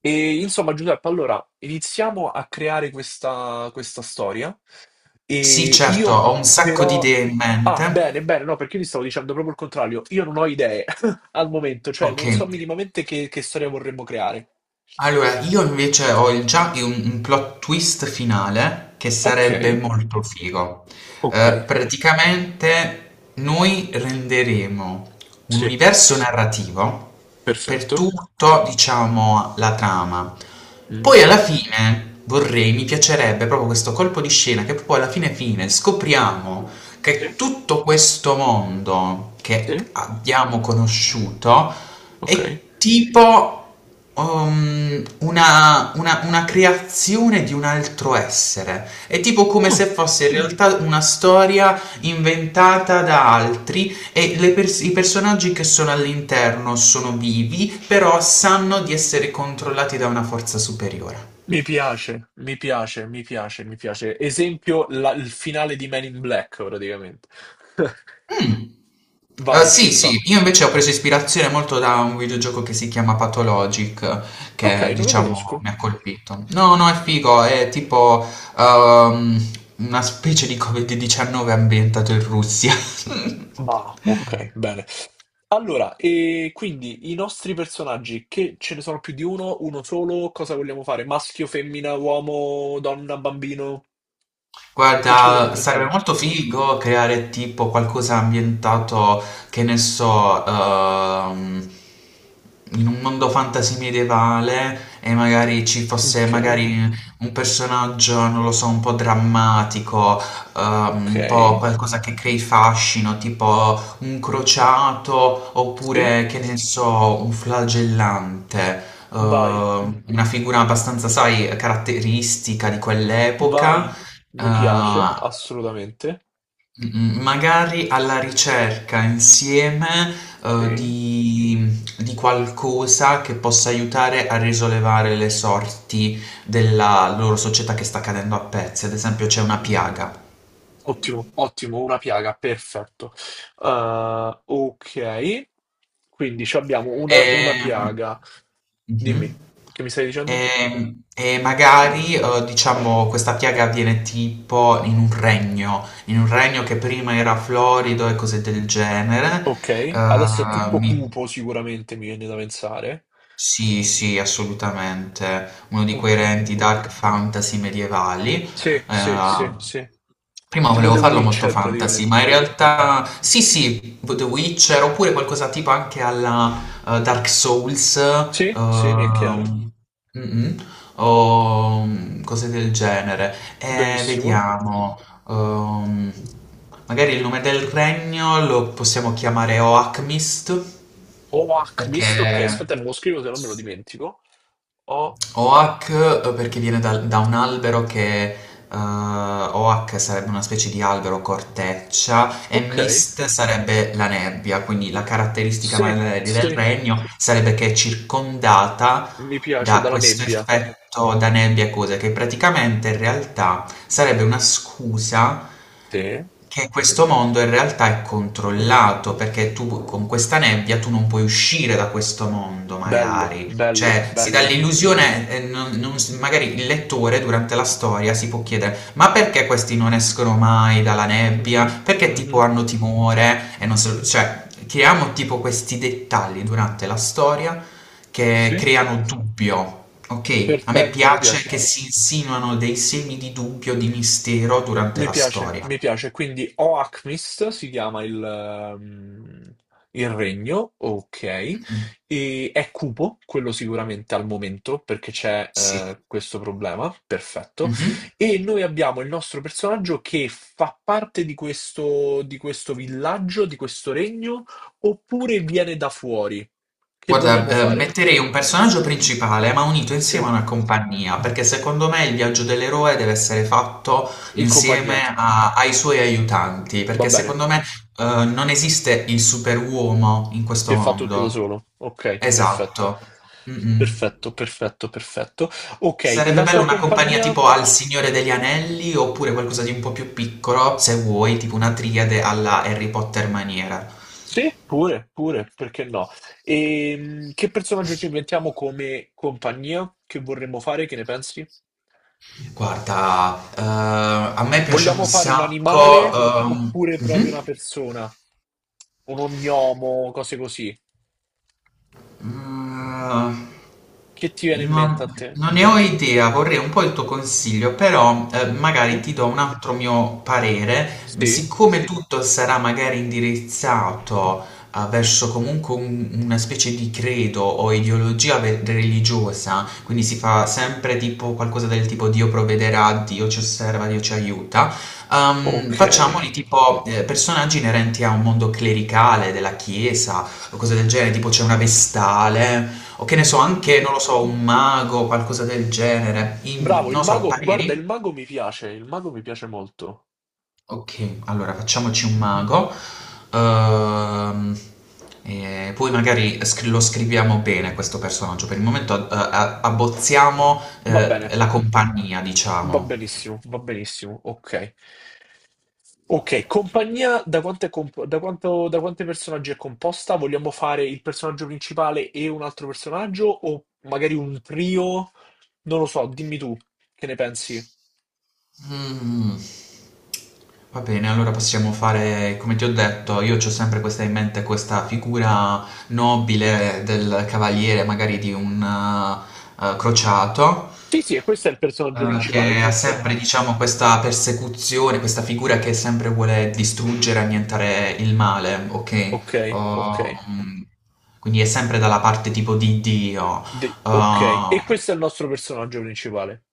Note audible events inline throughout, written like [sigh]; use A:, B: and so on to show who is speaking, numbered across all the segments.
A: E insomma, Giuseppe, allora iniziamo a creare questa storia.
B: Sì
A: E
B: certo,
A: io
B: ho un sacco di
A: però.
B: idee in
A: Ah, bene,
B: mente.
A: bene, no, perché io ti stavo dicendo proprio il contrario. Io non ho idee [laughs] al momento, cioè
B: Ok.
A: non so minimamente che storia vorremmo creare.
B: Allora, io invece ho già un plot twist finale che
A: Ok,
B: sarebbe molto figo.
A: ok,
B: Praticamente noi renderemo un
A: sì,
B: universo narrativo per
A: perfetto.
B: tutto, diciamo, la trama.
A: Mm,
B: Poi alla fine vorrei, mi piacerebbe proprio questo colpo di scena che poi alla fine fine scopriamo
A: sì,
B: che tutto questo mondo che
A: sì,
B: abbiamo conosciuto
A: ok.
B: è tipo una creazione di un altro essere. È tipo come se
A: Ah.
B: fosse in realtà una storia inventata da altri e i personaggi che sono all'interno sono vivi, però sanno di essere controllati da una forza superiore.
A: Mi piace, mi piace, mi piace, mi piace. Esempio, il finale di Men in Black, praticamente. [laughs]
B: Mm.
A: Vai, ci
B: Sì,
A: sta.
B: sì, io invece ho preso ispirazione molto da un videogioco che si chiama Pathologic,
A: Ok,
B: che
A: non lo
B: diciamo
A: conosco.
B: mi ha colpito. No, no, è figo, è tipo ehm, una specie di Covid-19 ambientato in Russia. [laughs]
A: Ma, ok, bene. Allora, e quindi i nostri personaggi, che ce ne sono più di uno, uno solo, cosa vogliamo fare? Maschio, femmina, uomo, donna, bambino? Che ci vogliamo
B: Guarda, sarebbe
A: inventare?
B: molto figo creare tipo qualcosa ambientato, che ne so, in un mondo fantasy medievale e magari ci fosse
A: Ok,
B: magari un personaggio, non lo so, un po' drammatico,
A: ok.
B: un po' qualcosa che crei fascino, tipo un crociato
A: Sì,
B: oppure, che ne so, un flagellante.
A: vai,
B: Una figura abbastanza, sai, caratteristica di quell'epoca.
A: vai. Mi piace,
B: Ah,
A: assolutamente.
B: magari alla ricerca insieme
A: Sì.
B: di qualcosa che possa aiutare a risollevare le sorti della loro società che sta cadendo a pezzi. Ad esempio, c'è una piaga.
A: Ottimo, ottimo, una piaga, perfetto. Ok, quindi ci abbiamo una
B: Ehm,
A: piaga.
B: mhm.
A: Dimmi, che mi stai dicendo?
B: E magari, diciamo, questa piaga avviene tipo in un regno che prima era florido e cose del genere.
A: Ok, adesso è
B: Ok.
A: tutto cupo sicuramente, mi viene da pensare.
B: Sì, sì, assolutamente. Uno di quei
A: Ok,
B: renti dark fantasy medievali.
A: sì, sì, sì, sì.
B: Prima
A: Tipo
B: volevo
A: The
B: farlo molto
A: Witcher
B: fantasy,
A: praticamente.
B: ma in realtà sì, sì, The Witcher oppure qualcosa tipo anche alla Dark Souls,
A: Sì, sì, mi è chiaro.
B: mm-mm, o cose del genere.
A: Benissimo.
B: Vediamo. ehm, magari il nome del regno lo possiamo chiamare Oakmist,
A: Oak Mist, ok,
B: perché
A: aspetta, me lo scrivo se non me lo dimentico. Oh,
B: Oak, perché viene da un albero che Oak sarebbe una specie di albero corteccia e
A: ok,
B: Mist sarebbe la nebbia, quindi la caratteristica
A: sì,
B: magari del
A: sì.
B: regno sarebbe che è circondata
A: Mi piace
B: da
A: dalla
B: questo
A: nebbia.
B: effetto da nebbia e cose che praticamente in realtà sarebbe una scusa
A: Sì.
B: che questo mondo in realtà è controllato perché tu con questa nebbia tu non puoi uscire da questo mondo
A: Bello,
B: magari,
A: bello,
B: cioè, si dà
A: bello.
B: l'illusione. Non- non s- Magari il lettore durante la storia si può chiedere, ma perché questi non escono mai dalla
A: Mhm,
B: nebbia? Perché tipo
A: mhm.
B: hanno timore? E non so, cioè, creiamo tipo questi dettagli durante la storia che
A: Sì,
B: creano dubbio, ok? A me
A: perfetto, mi
B: piace
A: piace.
B: che si insinuano dei semi di dubbio, di mistero durante
A: Mi
B: la
A: piace,
B: storia.
A: mi piace. Quindi Oakmist si chiama il regno, ok.
B: Mm,
A: E è cupo, quello sicuramente al momento, perché c'è
B: sì.
A: questo problema, perfetto.
B: Mhm.
A: E noi abbiamo il nostro personaggio che fa parte di questo villaggio, di questo regno, oppure viene da fuori. Che
B: Guarda,
A: vogliamo fare?
B: metterei un personaggio principale, ma unito insieme
A: Sì,
B: a una compagnia, perché secondo me il viaggio dell'eroe deve essere fatto
A: in compagnia.
B: insieme a- ai suoi aiutanti,
A: Va
B: perché
A: bene.
B: secondo me, non esiste il superuomo in questo
A: Che fa tutto da
B: mondo.
A: solo. Ok, perfetto.
B: Esatto. Mm-mm.
A: Perfetto, perfetto, perfetto. Ok,
B: Sarebbe
A: la
B: bello
A: sua
B: una compagnia
A: compagnia?
B: tipo al Signore degli Anelli oppure qualcosa di un po' più piccolo, se vuoi, tipo una triade alla Harry Potter maniera.
A: Sì, pure, pure, perché no? E che personaggio ci inventiamo come compagnia? Che vorremmo fare? Che ne pensi?
B: Guarda, a me piace un
A: Vogliamo fare un
B: sacco.
A: animale oppure proprio
B: Mhm.
A: una persona? Un ognomo, cose così.
B: Mm,
A: Che ti viene in mente
B: non,
A: a te?
B: non ne ho idea, vorrei un po' il tuo consiglio, però magari
A: Sì?
B: ti do un altro mio parere, ma
A: Sì?
B: siccome tutto sarà magari indirizzato verso comunque una specie di credo o ideologia religiosa, quindi si fa sempre tipo qualcosa del tipo Dio provvederà, Dio ci osserva, Dio ci aiuta,
A: Ok.
B: facciamoli tipo personaggi inerenti a un mondo clericale, della chiesa o cose del genere, tipo c'è una vestale, o che ne so,
A: Mhm.
B: anche, non lo so, un mago, qualcosa del genere. In-
A: Bravo, il
B: non lo so,
A: mago, guarda, il
B: pareri?
A: mago mi piace, il mago mi piace molto.
B: Ok, allora facciamoci un mago. Ehm, e poi magari lo scriviamo bene questo personaggio. Per il momento abbozziamo
A: Va bene,
B: la compagnia, diciamo.
A: va benissimo, ok. Ok, compagnia, da, quanto è comp- da quanto- da quanti personaggi è composta? Vogliamo fare il personaggio principale e un altro personaggio o magari un trio? Non lo so, dimmi tu, che ne pensi?
B: Mm. Va bene, allora possiamo fare, come ti ho detto, io ho sempre questa in mente, questa figura nobile del cavaliere, magari di un crociato,
A: Sì, sì, e questo è il personaggio principale,
B: che ha
A: giusto?
B: sempre, diciamo, questa persecuzione, questa figura che sempre vuole distruggere, annientare il male, ok?
A: Ok, ok,
B: Oh, quindi è sempre dalla parte tipo di Dio.
A: Ok. E
B: Oh,
A: questo è il nostro personaggio principale.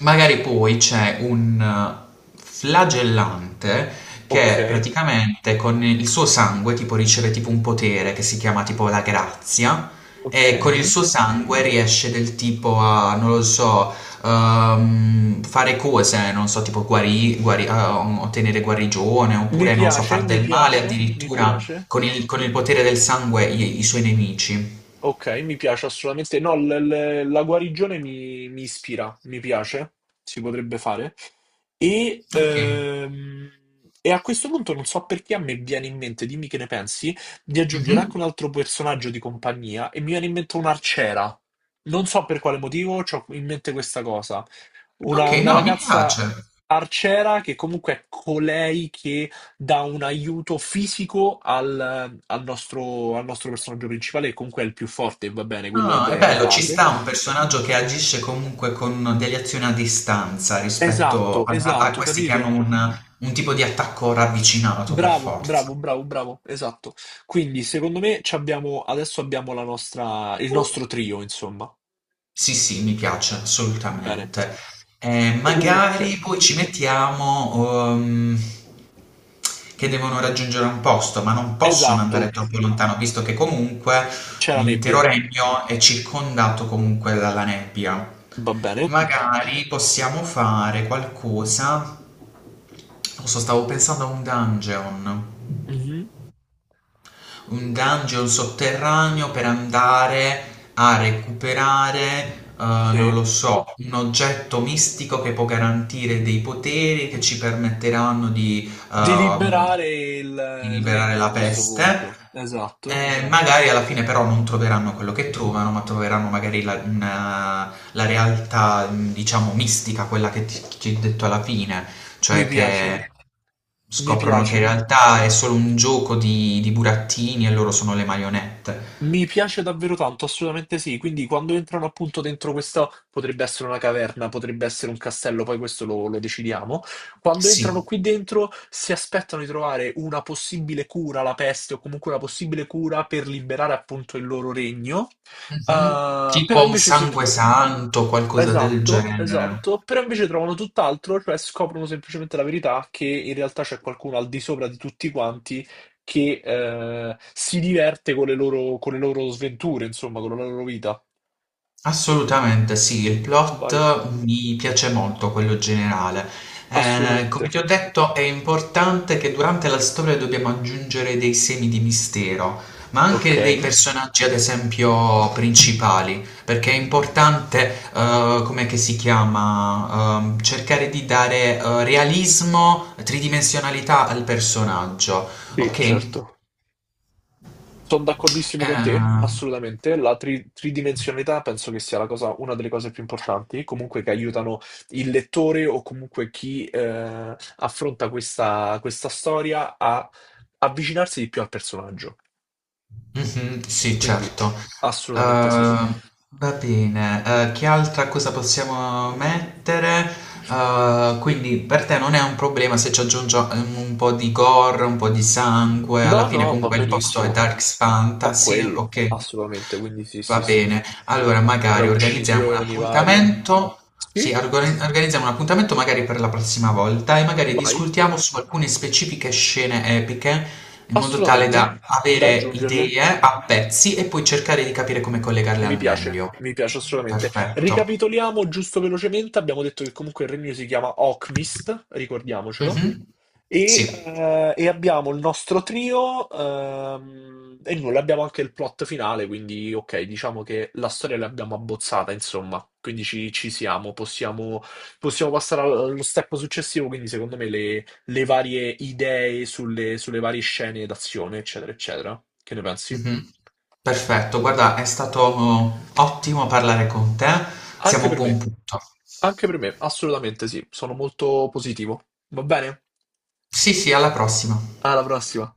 B: magari poi c'è un flagellante
A: Ok.
B: che praticamente con il suo sangue tipo riceve tipo un potere che si chiama tipo la grazia e con il
A: Okay.
B: suo sangue riesce del tipo a, non lo so, fare cose, non so, tipo ottenere guarigione
A: Mi
B: oppure non lo so,
A: piace,
B: far
A: mi
B: del male
A: piace, mi
B: addirittura
A: piace.
B: con il potere del sangue i suoi nemici.
A: Ok, mi piace assolutamente. No, la guarigione mi, mi ispira, mi piace, si potrebbe fare. E,
B: Ok.
A: ehm, e a questo punto non so perché a me viene in mente, dimmi che ne pensi, di aggiungere
B: Mhm.
A: anche un altro personaggio di compagnia e mi viene in mente un'arciera. Non so per quale motivo, ho in mente questa cosa.
B: Ok,
A: Una
B: no, mi piace.
A: ragazza arciera che comunque è colei che dà un aiuto fisico al, al nostro personaggio principale, che comunque è il più forte, va bene, quello ed
B: Ah, è
A: è
B: bello, ci
A: base.
B: sta un personaggio che agisce comunque con delle azioni a distanza rispetto
A: Esatto,
B: a
A: esatto,
B: questi che hanno
A: capito?
B: un tipo di attacco ravvicinato per
A: Bravo,
B: forza.
A: bravo, bravo, bravo, esatto. Quindi, secondo me, ci abbiamo, adesso abbiamo la nostra, il nostro trio, insomma.
B: Sì, sì, mi piace
A: Bene.
B: assolutamente. Eh,
A: Ok.
B: magari poi ci mettiamo che devono raggiungere un posto, ma non possono andare
A: Esatto,
B: troppo lontano, visto che comunque
A: c'è la
B: l'intero
A: nebbia,
B: regno è circondato comunque dalla nebbia.
A: va bene.
B: Magari possiamo fare qualcosa. Non so, stavo pensando a
A: Mhm.
B: un dungeon sotterraneo per andare a recuperare, non
A: Sì.
B: lo so, un oggetto mistico che può garantire dei poteri che ci permetteranno di,
A: Di
B: ehm,
A: liberare
B: di
A: il
B: liberare
A: regno a
B: la
A: questo
B: peste.
A: punto. Esatto.
B: E magari alla fine però non troveranno quello che trovano, ma troveranno magari la realtà, diciamo, mistica, quella che ti, ci ho detto alla fine,
A: Mi
B: cioè
A: piace,
B: che
A: mi
B: scoprono che
A: piace.
B: in realtà è solo un gioco di burattini e loro sono le marionette.
A: Mi piace davvero tanto, assolutamente sì. Quindi quando entrano appunto dentro questa, potrebbe essere una caverna, potrebbe essere un castello, poi questo lo, lo decidiamo. Quando entrano
B: Sì,
A: qui dentro si aspettano di trovare una possibile cura alla peste o comunque una possibile cura per liberare appunto il loro regno.
B: mhm.
A: Eh, però
B: Tipo un
A: invece si,
B: sangue santo, qualcosa del
A: Esatto,
B: genere.
A: esatto, però invece trovano tutt'altro, cioè scoprono semplicemente la verità che in realtà c'è qualcuno al di sopra di tutti quanti che si diverte con le loro sventure, insomma, con la loro vita.
B: Assolutamente sì, il
A: Vai,
B: plot mi piace molto, quello generale. Come
A: assolutamente.
B: ti ho detto, è importante che durante la storia dobbiamo aggiungere dei semi di mistero, ma
A: Ok.
B: anche dei personaggi, ad esempio, principali, perché è importante, come che si chiama, cercare di dare, realismo, tridimensionalità al personaggio,
A: Sì,
B: ok?
A: certo. Sono d'accordissimo con te,
B: Eh,
A: assolutamente. Tridimensionalità penso che sia una delle cose più importanti, comunque che aiutano il lettore o comunque chi affronta questa storia a avvicinarsi di più al personaggio.
B: Mhm, sì,
A: Quindi,
B: certo.
A: assolutamente sì.
B: Ehm, va bene, che altra cosa possiamo mettere? Quindi per te non è un problema se ci aggiungo un po' di gore, un po' di sangue,
A: No,
B: alla fine
A: no, va
B: comunque il posto è
A: benissimo.
B: Dark
A: È
B: Fantasy,
A: quello,
B: ok?
A: assolutamente. Quindi sì,
B: Va
A: sì, sì.
B: bene, allora
A: Tra
B: magari organizziamo un
A: uccisioni varie.
B: appuntamento, sì,
A: Sì,
B: organizziamo un appuntamento magari per la prossima volta e magari
A: vai.
B: discutiamo su alcune specifiche scene epiche in modo tale
A: Assolutamente.
B: da
A: Da
B: avere
A: aggiungerle.
B: idee a pezzi e poi cercare di capire come collegarle al meglio.
A: Mi piace assolutamente.
B: Perfetto.
A: Ricapitoliamo giusto velocemente, abbiamo detto che comunque il regno si chiama Okmist, ricordiamocelo,
B: Mh-mh. Sì.
A: e abbiamo il nostro trio, e nulla, abbiamo anche il plot finale, quindi ok, diciamo che la storia l'abbiamo abbozzata, insomma, quindi ci, ci siamo, possiamo, possiamo passare allo step successivo, quindi secondo me le varie idee sulle varie scene d'azione, eccetera, eccetera. Che ne pensi?
B: Mh-mh. Perfetto, guarda, è stato ottimo parlare con te. Siamo
A: Anche
B: a un
A: per
B: buon
A: me,
B: punto.
A: anche per me, assolutamente sì, sono molto positivo. Va bene?
B: Sì, sì, alla prossima.
A: Alla prossima.